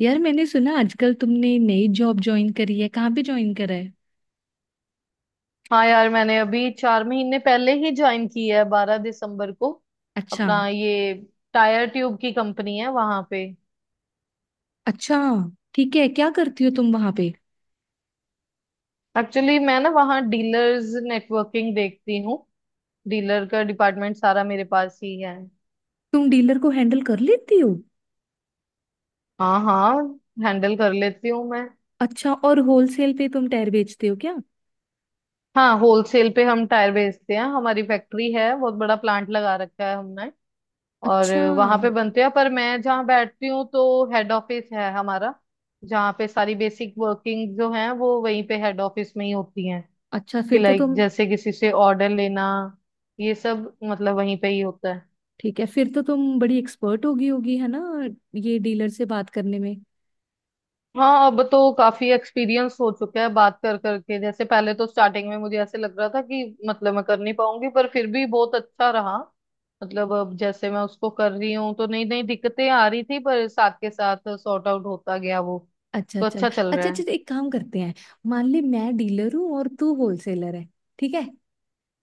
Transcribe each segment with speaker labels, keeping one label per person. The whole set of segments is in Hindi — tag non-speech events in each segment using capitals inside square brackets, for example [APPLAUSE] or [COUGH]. Speaker 1: यार, मैंने सुना आजकल तुमने नई जॉब ज्वाइन करी है। कहाँ पे ज्वाइन करा है?
Speaker 2: हाँ यार, मैंने अभी 4 महीने पहले ही ज्वाइन की है, 12 दिसंबर को।
Speaker 1: अच्छा।
Speaker 2: अपना ये टायर ट्यूब की कंपनी है वहां पे।
Speaker 1: अच्छा, ठीक है, क्या करती हो तुम वहां पे?
Speaker 2: एक्चुअली मैं ना वहाँ डीलर्स नेटवर्किंग देखती हूँ। डीलर का डिपार्टमेंट सारा मेरे पास ही है।
Speaker 1: तुम डीलर को हैंडल कर लेती हो?
Speaker 2: हाँ हाँ, हैंडल कर लेती हूँ मैं।
Speaker 1: अच्छा, और होलसेल पे तुम टायर बेचते हो क्या?
Speaker 2: हाँ, होलसेल पे हम टायर बेचते हैं। हमारी फैक्ट्री है, बहुत बड़ा प्लांट लगा रखा है हमने। और
Speaker 1: अच्छा।
Speaker 2: वहां पे बनते हैं, पर मैं जहाँ बैठती हूँ तो हेड ऑफिस है हमारा। जहाँ पे सारी बेसिक वर्किंग जो है, वो वहीं पे हेड ऑफिस में ही होती है।
Speaker 1: अच्छा,
Speaker 2: कि
Speaker 1: फिर तो
Speaker 2: लाइक
Speaker 1: तुम,
Speaker 2: जैसे किसी से ऑर्डर लेना, ये सब मतलब वहीं पे ही होता है।
Speaker 1: ठीक है फिर तो तुम बड़ी एक्सपर्ट होगी होगी है ना, ये डीलर से बात करने में।
Speaker 2: हाँ, अब तो काफी एक्सपीरियंस हो चुका है बात कर करके। जैसे पहले तो स्टार्टिंग में मुझे ऐसे लग रहा था कि मतलब मैं कर नहीं पाऊंगी, पर फिर भी बहुत अच्छा रहा। मतलब अब जैसे मैं उसको कर रही हूँ तो नई नई दिक्कतें आ रही थी, पर साथ के साथ सॉर्ट आउट होता गया वो।
Speaker 1: अच्छा
Speaker 2: तो
Speaker 1: चल।
Speaker 2: अच्छा चल
Speaker 1: अच्छा
Speaker 2: रहा
Speaker 1: अच्छा,
Speaker 2: है।
Speaker 1: तो एक काम करते हैं। मान ले मैं डीलर हूँ और तू होलसेलर है। ठीक है?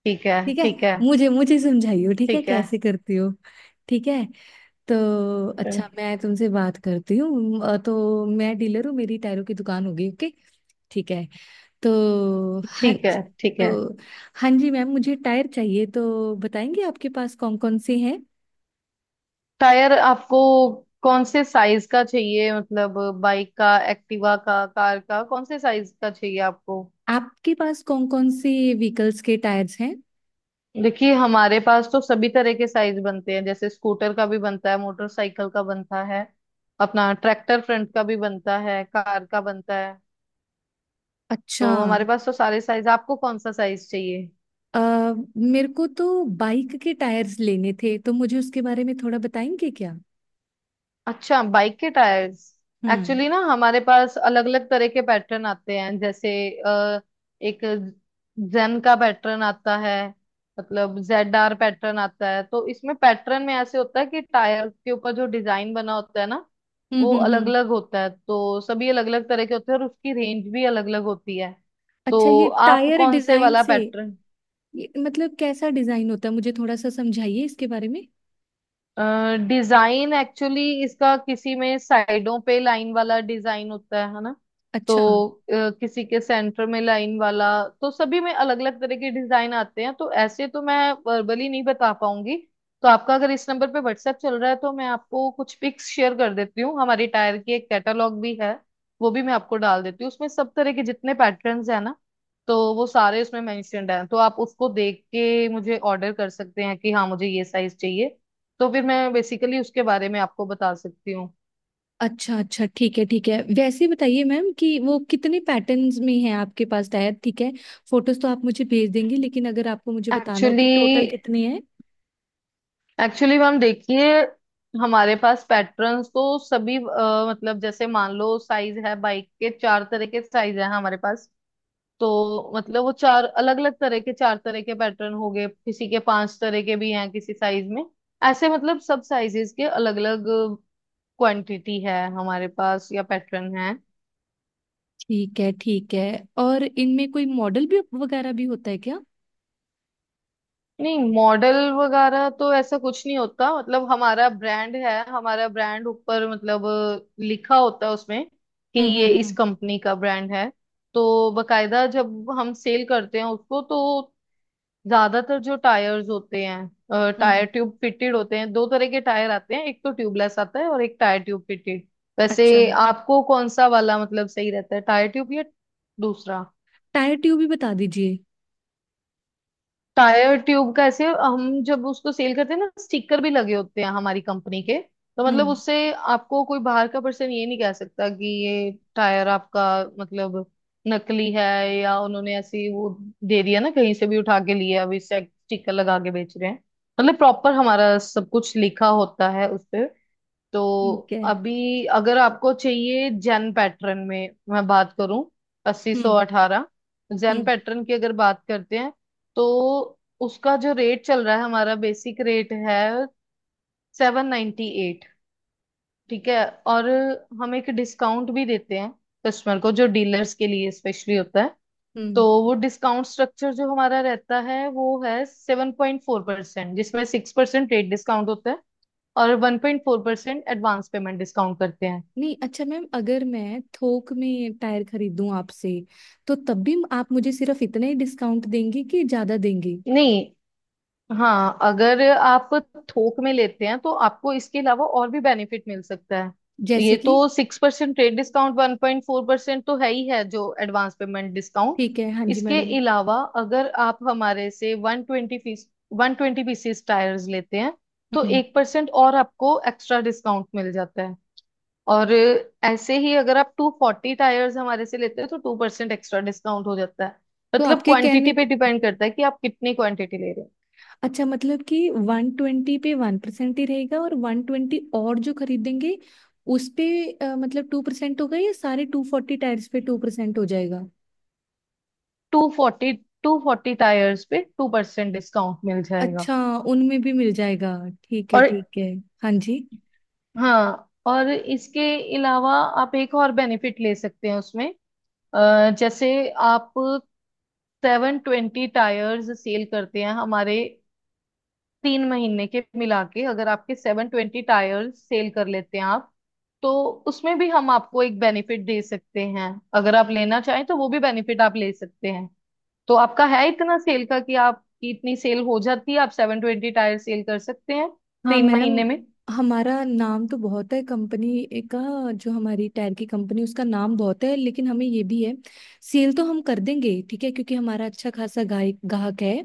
Speaker 2: ठीक है।
Speaker 1: ठीक है।
Speaker 2: ठीक है।
Speaker 1: मुझे मुझे समझाइयो, ठीक है,
Speaker 2: ठीक है।
Speaker 1: कैसे करती हो। ठीक है। तो अच्छा, मैं तुमसे बात करती हूँ। तो मैं डीलर हूँ, मेरी टायरों की दुकान होगी। ओके? ठीक है। तो हाँ।
Speaker 2: ठीक है। ठीक है।
Speaker 1: तो हाँ जी मैम, मुझे टायर चाहिए, तो बताएंगे आपके पास कौन कौन से हैं?
Speaker 2: टायर आपको कौन से साइज का चाहिए? मतलब बाइक का, एक्टिवा का, कार का, कौन से साइज का चाहिए आपको?
Speaker 1: आपके पास कौन कौन से व्हीकल्स के टायर्स हैं?
Speaker 2: देखिए, हमारे पास तो सभी तरह के साइज बनते हैं। जैसे स्कूटर का भी बनता है, मोटरसाइकिल का बनता है, अपना ट्रैक्टर फ्रंट का भी बनता है, कार का बनता है।
Speaker 1: अच्छा।
Speaker 2: तो हमारे पास तो सारे साइज, आपको कौन सा साइज चाहिए?
Speaker 1: अ, मेरे को तो बाइक के टायर्स लेने थे, तो मुझे उसके बारे में थोड़ा बताएंगे क्या?
Speaker 2: अच्छा, बाइक के टायर्स।
Speaker 1: हम्म
Speaker 2: एक्चुअली ना हमारे पास अलग अलग तरह के पैटर्न आते हैं। जैसे अ, एक जेन का पैटर्न आता है, मतलब ZR पैटर्न आता है। तो इसमें पैटर्न में ऐसे होता है कि टायर के ऊपर जो डिजाइन बना होता है ना, वो अलग
Speaker 1: हम्म।
Speaker 2: अलग होता है। तो सभी अलग अलग तरह के होते हैं और उसकी रेंज भी अलग अलग होती है।
Speaker 1: अच्छा,
Speaker 2: तो
Speaker 1: ये
Speaker 2: आप
Speaker 1: टायर
Speaker 2: कौन से
Speaker 1: डिजाइन
Speaker 2: वाला
Speaker 1: से,
Speaker 2: पैटर्न?
Speaker 1: ये मतलब कैसा डिजाइन होता है, मुझे थोड़ा सा समझाइए इसके बारे में।
Speaker 2: डिजाइन एक्चुअली इसका किसी में साइडों पे लाइन वाला डिजाइन होता है ना? तो
Speaker 1: अच्छा।
Speaker 2: किसी के सेंटर में लाइन वाला। तो सभी में अलग अलग तरह के डिजाइन आते हैं। तो ऐसे तो मैं वर्बली नहीं बता पाऊंगी। तो आपका अगर इस नंबर पे व्हाट्सएप चल रहा है तो मैं आपको कुछ पिक्स शेयर कर देती हूँ। हमारी टायर की एक कैटलॉग भी है, वो भी मैं आपको डाल देती हूँ। उसमें सब तरह के जितने पैटर्न्स है ना, तो वो सारे उसमें मेंशन्ड हैं। तो आप उसको देख के मुझे ऑर्डर कर सकते हैं कि हाँ मुझे ये साइज चाहिए। तो फिर मैं बेसिकली उसके बारे में आपको बता सकती हूँ।
Speaker 1: अच्छा अच्छा ठीक है, ठीक है, वैसे बताइए मैम कि वो कितने पैटर्न्स में है आपके पास टायर। ठीक है, फोटोज तो आप मुझे भेज देंगे, लेकिन अगर आपको मुझे बताना हो कि
Speaker 2: एक्चुअली
Speaker 1: टोटल कितने हैं।
Speaker 2: एक्चुअली मैम, देखिए, हमारे पास पैटर्न्स तो सभी मतलब जैसे मान लो, साइज है बाइक के, चार तरह के साइज है हमारे पास। तो मतलब वो चार अलग अलग तरह के, चार तरह के पैटर्न हो गए, किसी के पांच तरह के भी हैं किसी साइज में। ऐसे मतलब सब साइजेस के अलग अलग क्वांटिटी है हमारे पास या पैटर्न है।
Speaker 1: ठीक है, ठीक है, और इनमें कोई मॉडल भी वगैरह भी होता है क्या?
Speaker 2: नहीं, मॉडल वगैरह तो ऐसा कुछ नहीं होता। मतलब हमारा ब्रांड है, हमारा ब्रांड ऊपर मतलब लिखा होता है उसमें कि
Speaker 1: हम्म
Speaker 2: ये
Speaker 1: हम्म
Speaker 2: इस
Speaker 1: हम्म
Speaker 2: कंपनी का ब्रांड है। तो बकायदा जब हम सेल करते हैं उसको, तो ज्यादातर जो टायर्स होते हैं, टायर
Speaker 1: हम्म।
Speaker 2: ट्यूब फिटेड होते हैं। दो तरह के टायर आते हैं, एक तो ट्यूबलेस आता है और एक टायर ट्यूब फिटेड। वैसे
Speaker 1: अच्छा।
Speaker 2: आपको कौन सा वाला मतलब सही रहता है, टायर ट्यूब या दूसरा?
Speaker 1: टायर ट्यूब भी बता दीजिए।
Speaker 2: टायर ट्यूब का ऐसे, हम जब उसको सेल करते हैं ना, स्टिकर भी लगे होते हैं हमारी कंपनी के। तो मतलब
Speaker 1: हम्म।
Speaker 2: उससे आपको कोई बाहर का पर्सन ये नहीं कह सकता कि ये टायर आपका मतलब नकली है, या उन्होंने ऐसी वो दे दिया ना, कहीं से भी उठा के लिया अभी स्टिकर लगा के बेच रहे हैं। मतलब प्रॉपर हमारा सब कुछ लिखा होता है उस पे। तो
Speaker 1: ठीक है।
Speaker 2: अभी अगर आपको चाहिए जेन पैटर्न में, मैं बात करूं, अस्सी सौ
Speaker 1: हम्म
Speaker 2: अठारह जेन
Speaker 1: हम्म
Speaker 2: पैटर्न की अगर बात करते हैं, तो उसका जो रेट चल रहा है, हमारा बेसिक रेट है 798। ठीक है। और हम एक डिस्काउंट भी देते हैं कस्टमर को, जो डीलर्स के लिए स्पेशली होता है।
Speaker 1: हम्म।
Speaker 2: तो वो डिस्काउंट स्ट्रक्चर जो हमारा रहता है, वो है 7.4%, जिसमें 6% रेट डिस्काउंट होता है और 1.4% एडवांस पेमेंट डिस्काउंट करते हैं।
Speaker 1: नहीं, अच्छा मैम, अगर मैं थोक में टायर खरीदूं आपसे, तो तब भी आप मुझे सिर्फ इतना ही डिस्काउंट देंगी कि ज्यादा देंगी?
Speaker 2: नहीं। हाँ, अगर आप थोक में लेते हैं तो आपको इसके अलावा और भी बेनिफिट मिल सकता है। ये
Speaker 1: जैसे कि?
Speaker 2: तो 6% ट्रेड डिस्काउंट, 1.4% तो है ही है जो एडवांस पेमेंट डिस्काउंट।
Speaker 1: ठीक है, हाँ जी
Speaker 2: इसके
Speaker 1: मैडम।
Speaker 2: अलावा अगर आप हमारे से 120 पीसीस टायर्स लेते हैं, तो
Speaker 1: हम्म।
Speaker 2: 1% और आपको एक्स्ट्रा डिस्काउंट मिल जाता है। और ऐसे ही अगर आप 240 टायर्स हमारे से लेते हैं तो 2% एक्स्ट्रा डिस्काउंट हो जाता है।
Speaker 1: तो
Speaker 2: मतलब
Speaker 1: आपके
Speaker 2: क्वांटिटी
Speaker 1: कहने,
Speaker 2: पे डिपेंड करता है कि आप कितनी क्वांटिटी ले रहे।
Speaker 1: अच्छा मतलब कि 120 पे 1% ही रहेगा, और 120 और जो खरीदेंगे उस पे मतलब 2% होगा, या सारे 240 टायर्स पे 2% हो जाएगा?
Speaker 2: टू फोर्टी 240 टायर्स पे 2% डिस्काउंट मिल जाएगा।
Speaker 1: अच्छा, उनमें भी मिल जाएगा। ठीक है,
Speaker 2: और,
Speaker 1: ठीक है। हाँ जी।
Speaker 2: हाँ, और इसके अलावा आप एक और बेनिफिट ले सकते हैं उसमें। जैसे आप 720 टायर्स सेल करते हैं हमारे, 3 महीने के मिला के, अगर आपके 720 टायर्स सेल कर लेते हैं आप, तो उसमें भी हम आपको एक बेनिफिट दे सकते हैं। अगर आप लेना चाहें तो वो भी बेनिफिट आप ले सकते हैं। तो आपका है इतना सेल का कि आपकी इतनी सेल हो जाती है, आप सेवन ट्वेंटी टायर सेल कर सकते हैं
Speaker 1: हाँ
Speaker 2: तीन
Speaker 1: मैम,
Speaker 2: महीने में?
Speaker 1: हमारा नाम तो बहुत है कंपनी का, जो हमारी टायर की कंपनी, उसका नाम बहुत है, लेकिन हमें ये भी है, सेल तो हम कर देंगे ठीक है, क्योंकि हमारा अच्छा खासा गाय ग्राहक है।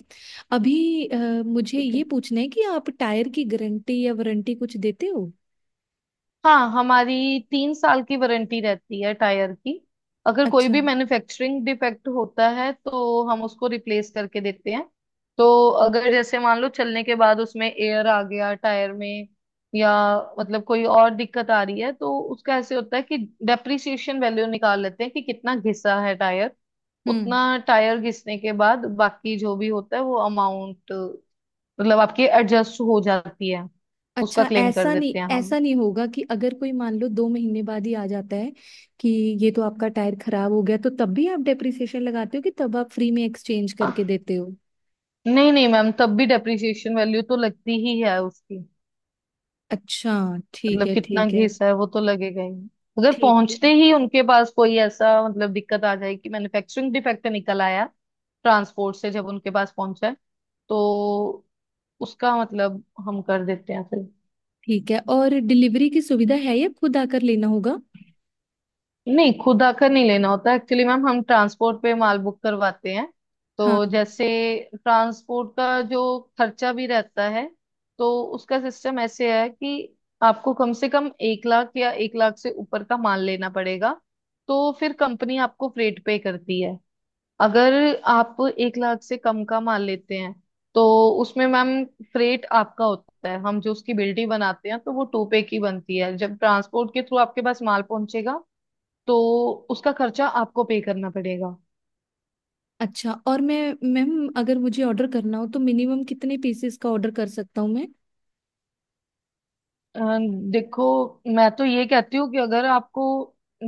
Speaker 1: अभी मुझे
Speaker 2: ठीक है।
Speaker 1: ये पूछना है कि आप टायर की गारंटी या वारंटी कुछ देते हो?
Speaker 2: हाँ, हमारी 3 साल की वारंटी रहती है टायर की। अगर कोई
Speaker 1: अच्छा।
Speaker 2: भी मैन्युफैक्चरिंग डिफेक्ट होता है तो हम उसको रिप्लेस करके देते हैं। तो अगर जैसे मान लो चलने के बाद उसमें एयर आ गया टायर में, या मतलब कोई और दिक्कत आ रही है, तो उसका ऐसे होता है कि डेप्रिसिएशन वैल्यू निकाल लेते हैं कि कितना घिसा है टायर।
Speaker 1: हम्म।
Speaker 2: उतना टायर घिसने के बाद बाकी जो भी होता है वो अमाउंट मतलब आपकी एडजस्ट हो जाती है। उसका
Speaker 1: अच्छा,
Speaker 2: क्लेम कर
Speaker 1: ऐसा नहीं,
Speaker 2: देते हैं
Speaker 1: ऐसा नहीं होगा कि अगर कोई मान लो 2 महीने बाद ही आ जाता है कि ये तो आपका टायर खराब हो गया, तो तब भी आप डेप्रिसिएशन लगाते हो, कि तब आप फ्री में एक्सचेंज
Speaker 2: हम।
Speaker 1: करके देते।
Speaker 2: नहीं नहीं मैम, तब भी डेप्रिसिएशन वैल्यू तो लगती ही है उसकी।
Speaker 1: अच्छा, ठीक
Speaker 2: मतलब
Speaker 1: है,
Speaker 2: कितना
Speaker 1: ठीक है।
Speaker 2: घिसा है वो तो लगेगा ही। अगर
Speaker 1: ठीक है,
Speaker 2: पहुंचते ही उनके पास कोई ऐसा मतलब दिक्कत आ जाए कि मैन्युफैक्चरिंग डिफेक्ट निकल आया, ट्रांसपोर्ट से जब उनके पास पहुंचा है, तो उसका मतलब हम कर देते हैं।
Speaker 1: ठीक है, और डिलीवरी की सुविधा
Speaker 2: फिर
Speaker 1: है या खुद आकर लेना होगा?
Speaker 2: नहीं, खुद आकर नहीं लेना होता। एक्चुअली मैम हम ट्रांसपोर्ट पे माल बुक करवाते हैं।
Speaker 1: हाँ,
Speaker 2: तो जैसे ट्रांसपोर्ट का जो खर्चा भी रहता है, तो उसका सिस्टम ऐसे है कि आपको कम से कम 1 लाख या 1 लाख से ऊपर का माल लेना पड़ेगा, तो फिर कंपनी आपको फ्रेट पे करती है। अगर आप 1 लाख से कम का माल लेते हैं, तो उसमें मैम फ्रेट आपका होता है। हम जो उसकी बिल्टी बनाते हैं तो वो टू पे की बनती है। जब ट्रांसपोर्ट के थ्रू आपके पास माल पहुंचेगा तो उसका खर्चा आपको पे करना पड़ेगा।
Speaker 1: अच्छा, और मैं, मैम अगर मुझे ऑर्डर करना हो तो मिनिमम कितने पीसेस का ऑर्डर कर सकता हूँ मैं?
Speaker 2: अ, देखो, मैं तो ये कहती हूँ कि अगर आपको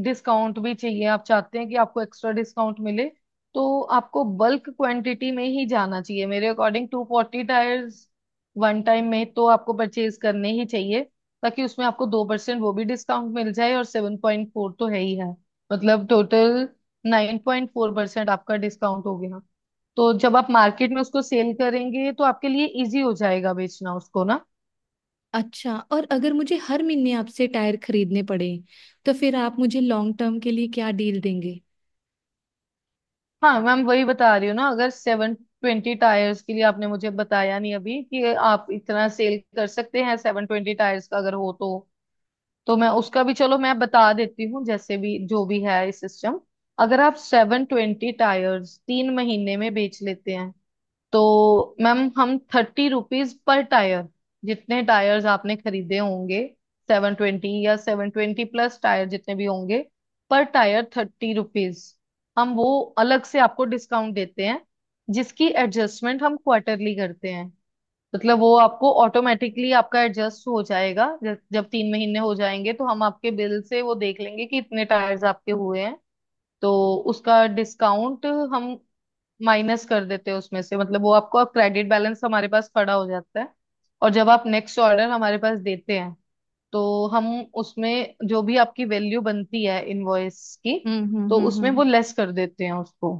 Speaker 2: डिस्काउंट भी चाहिए, आप चाहते हैं कि आपको एक्स्ट्रा डिस्काउंट मिले, तो आपको बल्क क्वांटिटी में ही जाना चाहिए मेरे अकॉर्डिंग। 240 टायर्स वन टाइम में तो आपको परचेज करने ही चाहिए, ताकि उसमें आपको 2% वो भी डिस्काउंट मिल जाए और सेवन पॉइंट फोर तो है ही है। मतलब टोटल 9.4% आपका डिस्काउंट हो गया। तो जब आप मार्केट में उसको सेल करेंगे तो आपके लिए इजी हो जाएगा बेचना उसको ना।
Speaker 1: अच्छा, और अगर मुझे हर महीने आपसे टायर खरीदने पड़े, तो फिर आप मुझे लॉन्ग टर्म के लिए क्या डील देंगे?
Speaker 2: हाँ मैम, वही बता रही हूँ ना, अगर 720 टायर्स के लिए, आपने मुझे बताया नहीं अभी कि आप इतना सेल कर सकते हैं 720 टायर्स का अगर हो, तो मैं उसका भी, चलो मैं बता देती हूँ, जैसे भी जो भी है सिस्टम। अगर आप 720 टायर्स 3 महीने में बेच लेते हैं, तो मैम हम 30 रुपीज पर टायर, जितने टायर्स आपने खरीदे होंगे, 720 या 720 प्लस टायर जितने भी होंगे, पर टायर 30 रुपीज हम वो अलग से आपको डिस्काउंट देते हैं, जिसकी एडजस्टमेंट हम क्वार्टरली करते हैं। मतलब वो आपको ऑटोमेटिकली आपका एडजस्ट हो जाएगा। जब जब 3 महीने हो जाएंगे तो हम आपके बिल से वो देख लेंगे कि इतने टायर्स आपके हुए हैं, तो उसका डिस्काउंट हम माइनस कर देते हैं उसमें से। मतलब वो आपको अब क्रेडिट बैलेंस हमारे पास खड़ा हो जाता है। और जब आप नेक्स्ट ऑर्डर हमारे पास देते हैं, तो हम उसमें जो भी आपकी वैल्यू बनती है इनवॉइस की, तो उसमें
Speaker 1: हम्म।
Speaker 2: वो लेस कर देते हैं उसको।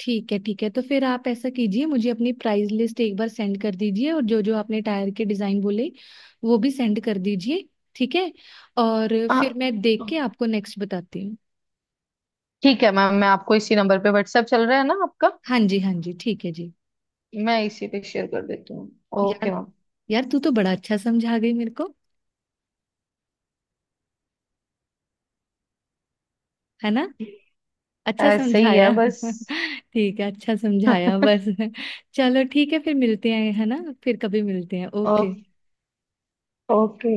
Speaker 1: ठीक है, ठीक है, तो फिर आप ऐसा कीजिए, मुझे अपनी प्राइस लिस्ट एक बार सेंड कर दीजिए, और जो जो आपने टायर के डिज़ाइन बोले वो भी सेंड कर दीजिए। ठीक है, और फिर
Speaker 2: हाँ,
Speaker 1: मैं देख के आपको नेक्स्ट बताती हूँ।
Speaker 2: ठीक है मैम, मैं आपको इसी नंबर पे, व्हाट्सएप चल रहा है ना आपका?
Speaker 1: हाँ जी, हाँ जी, ठीक है जी।
Speaker 2: मैं इसी पे शेयर कर देती हूँ। ओके
Speaker 1: यार,
Speaker 2: मैम।
Speaker 1: यार तू तो बड़ा अच्छा समझा गई मेरे को, है ना? अच्छा
Speaker 2: ऐसे ही है
Speaker 1: समझाया
Speaker 2: बस।
Speaker 1: [LAUGHS] ठीक है, अच्छा समझाया बस
Speaker 2: [LAUGHS]
Speaker 1: [LAUGHS] चलो ठीक है, फिर मिलते हैं, है ना, फिर कभी मिलते हैं।
Speaker 2: ओ,
Speaker 1: ओके।
Speaker 2: ओके।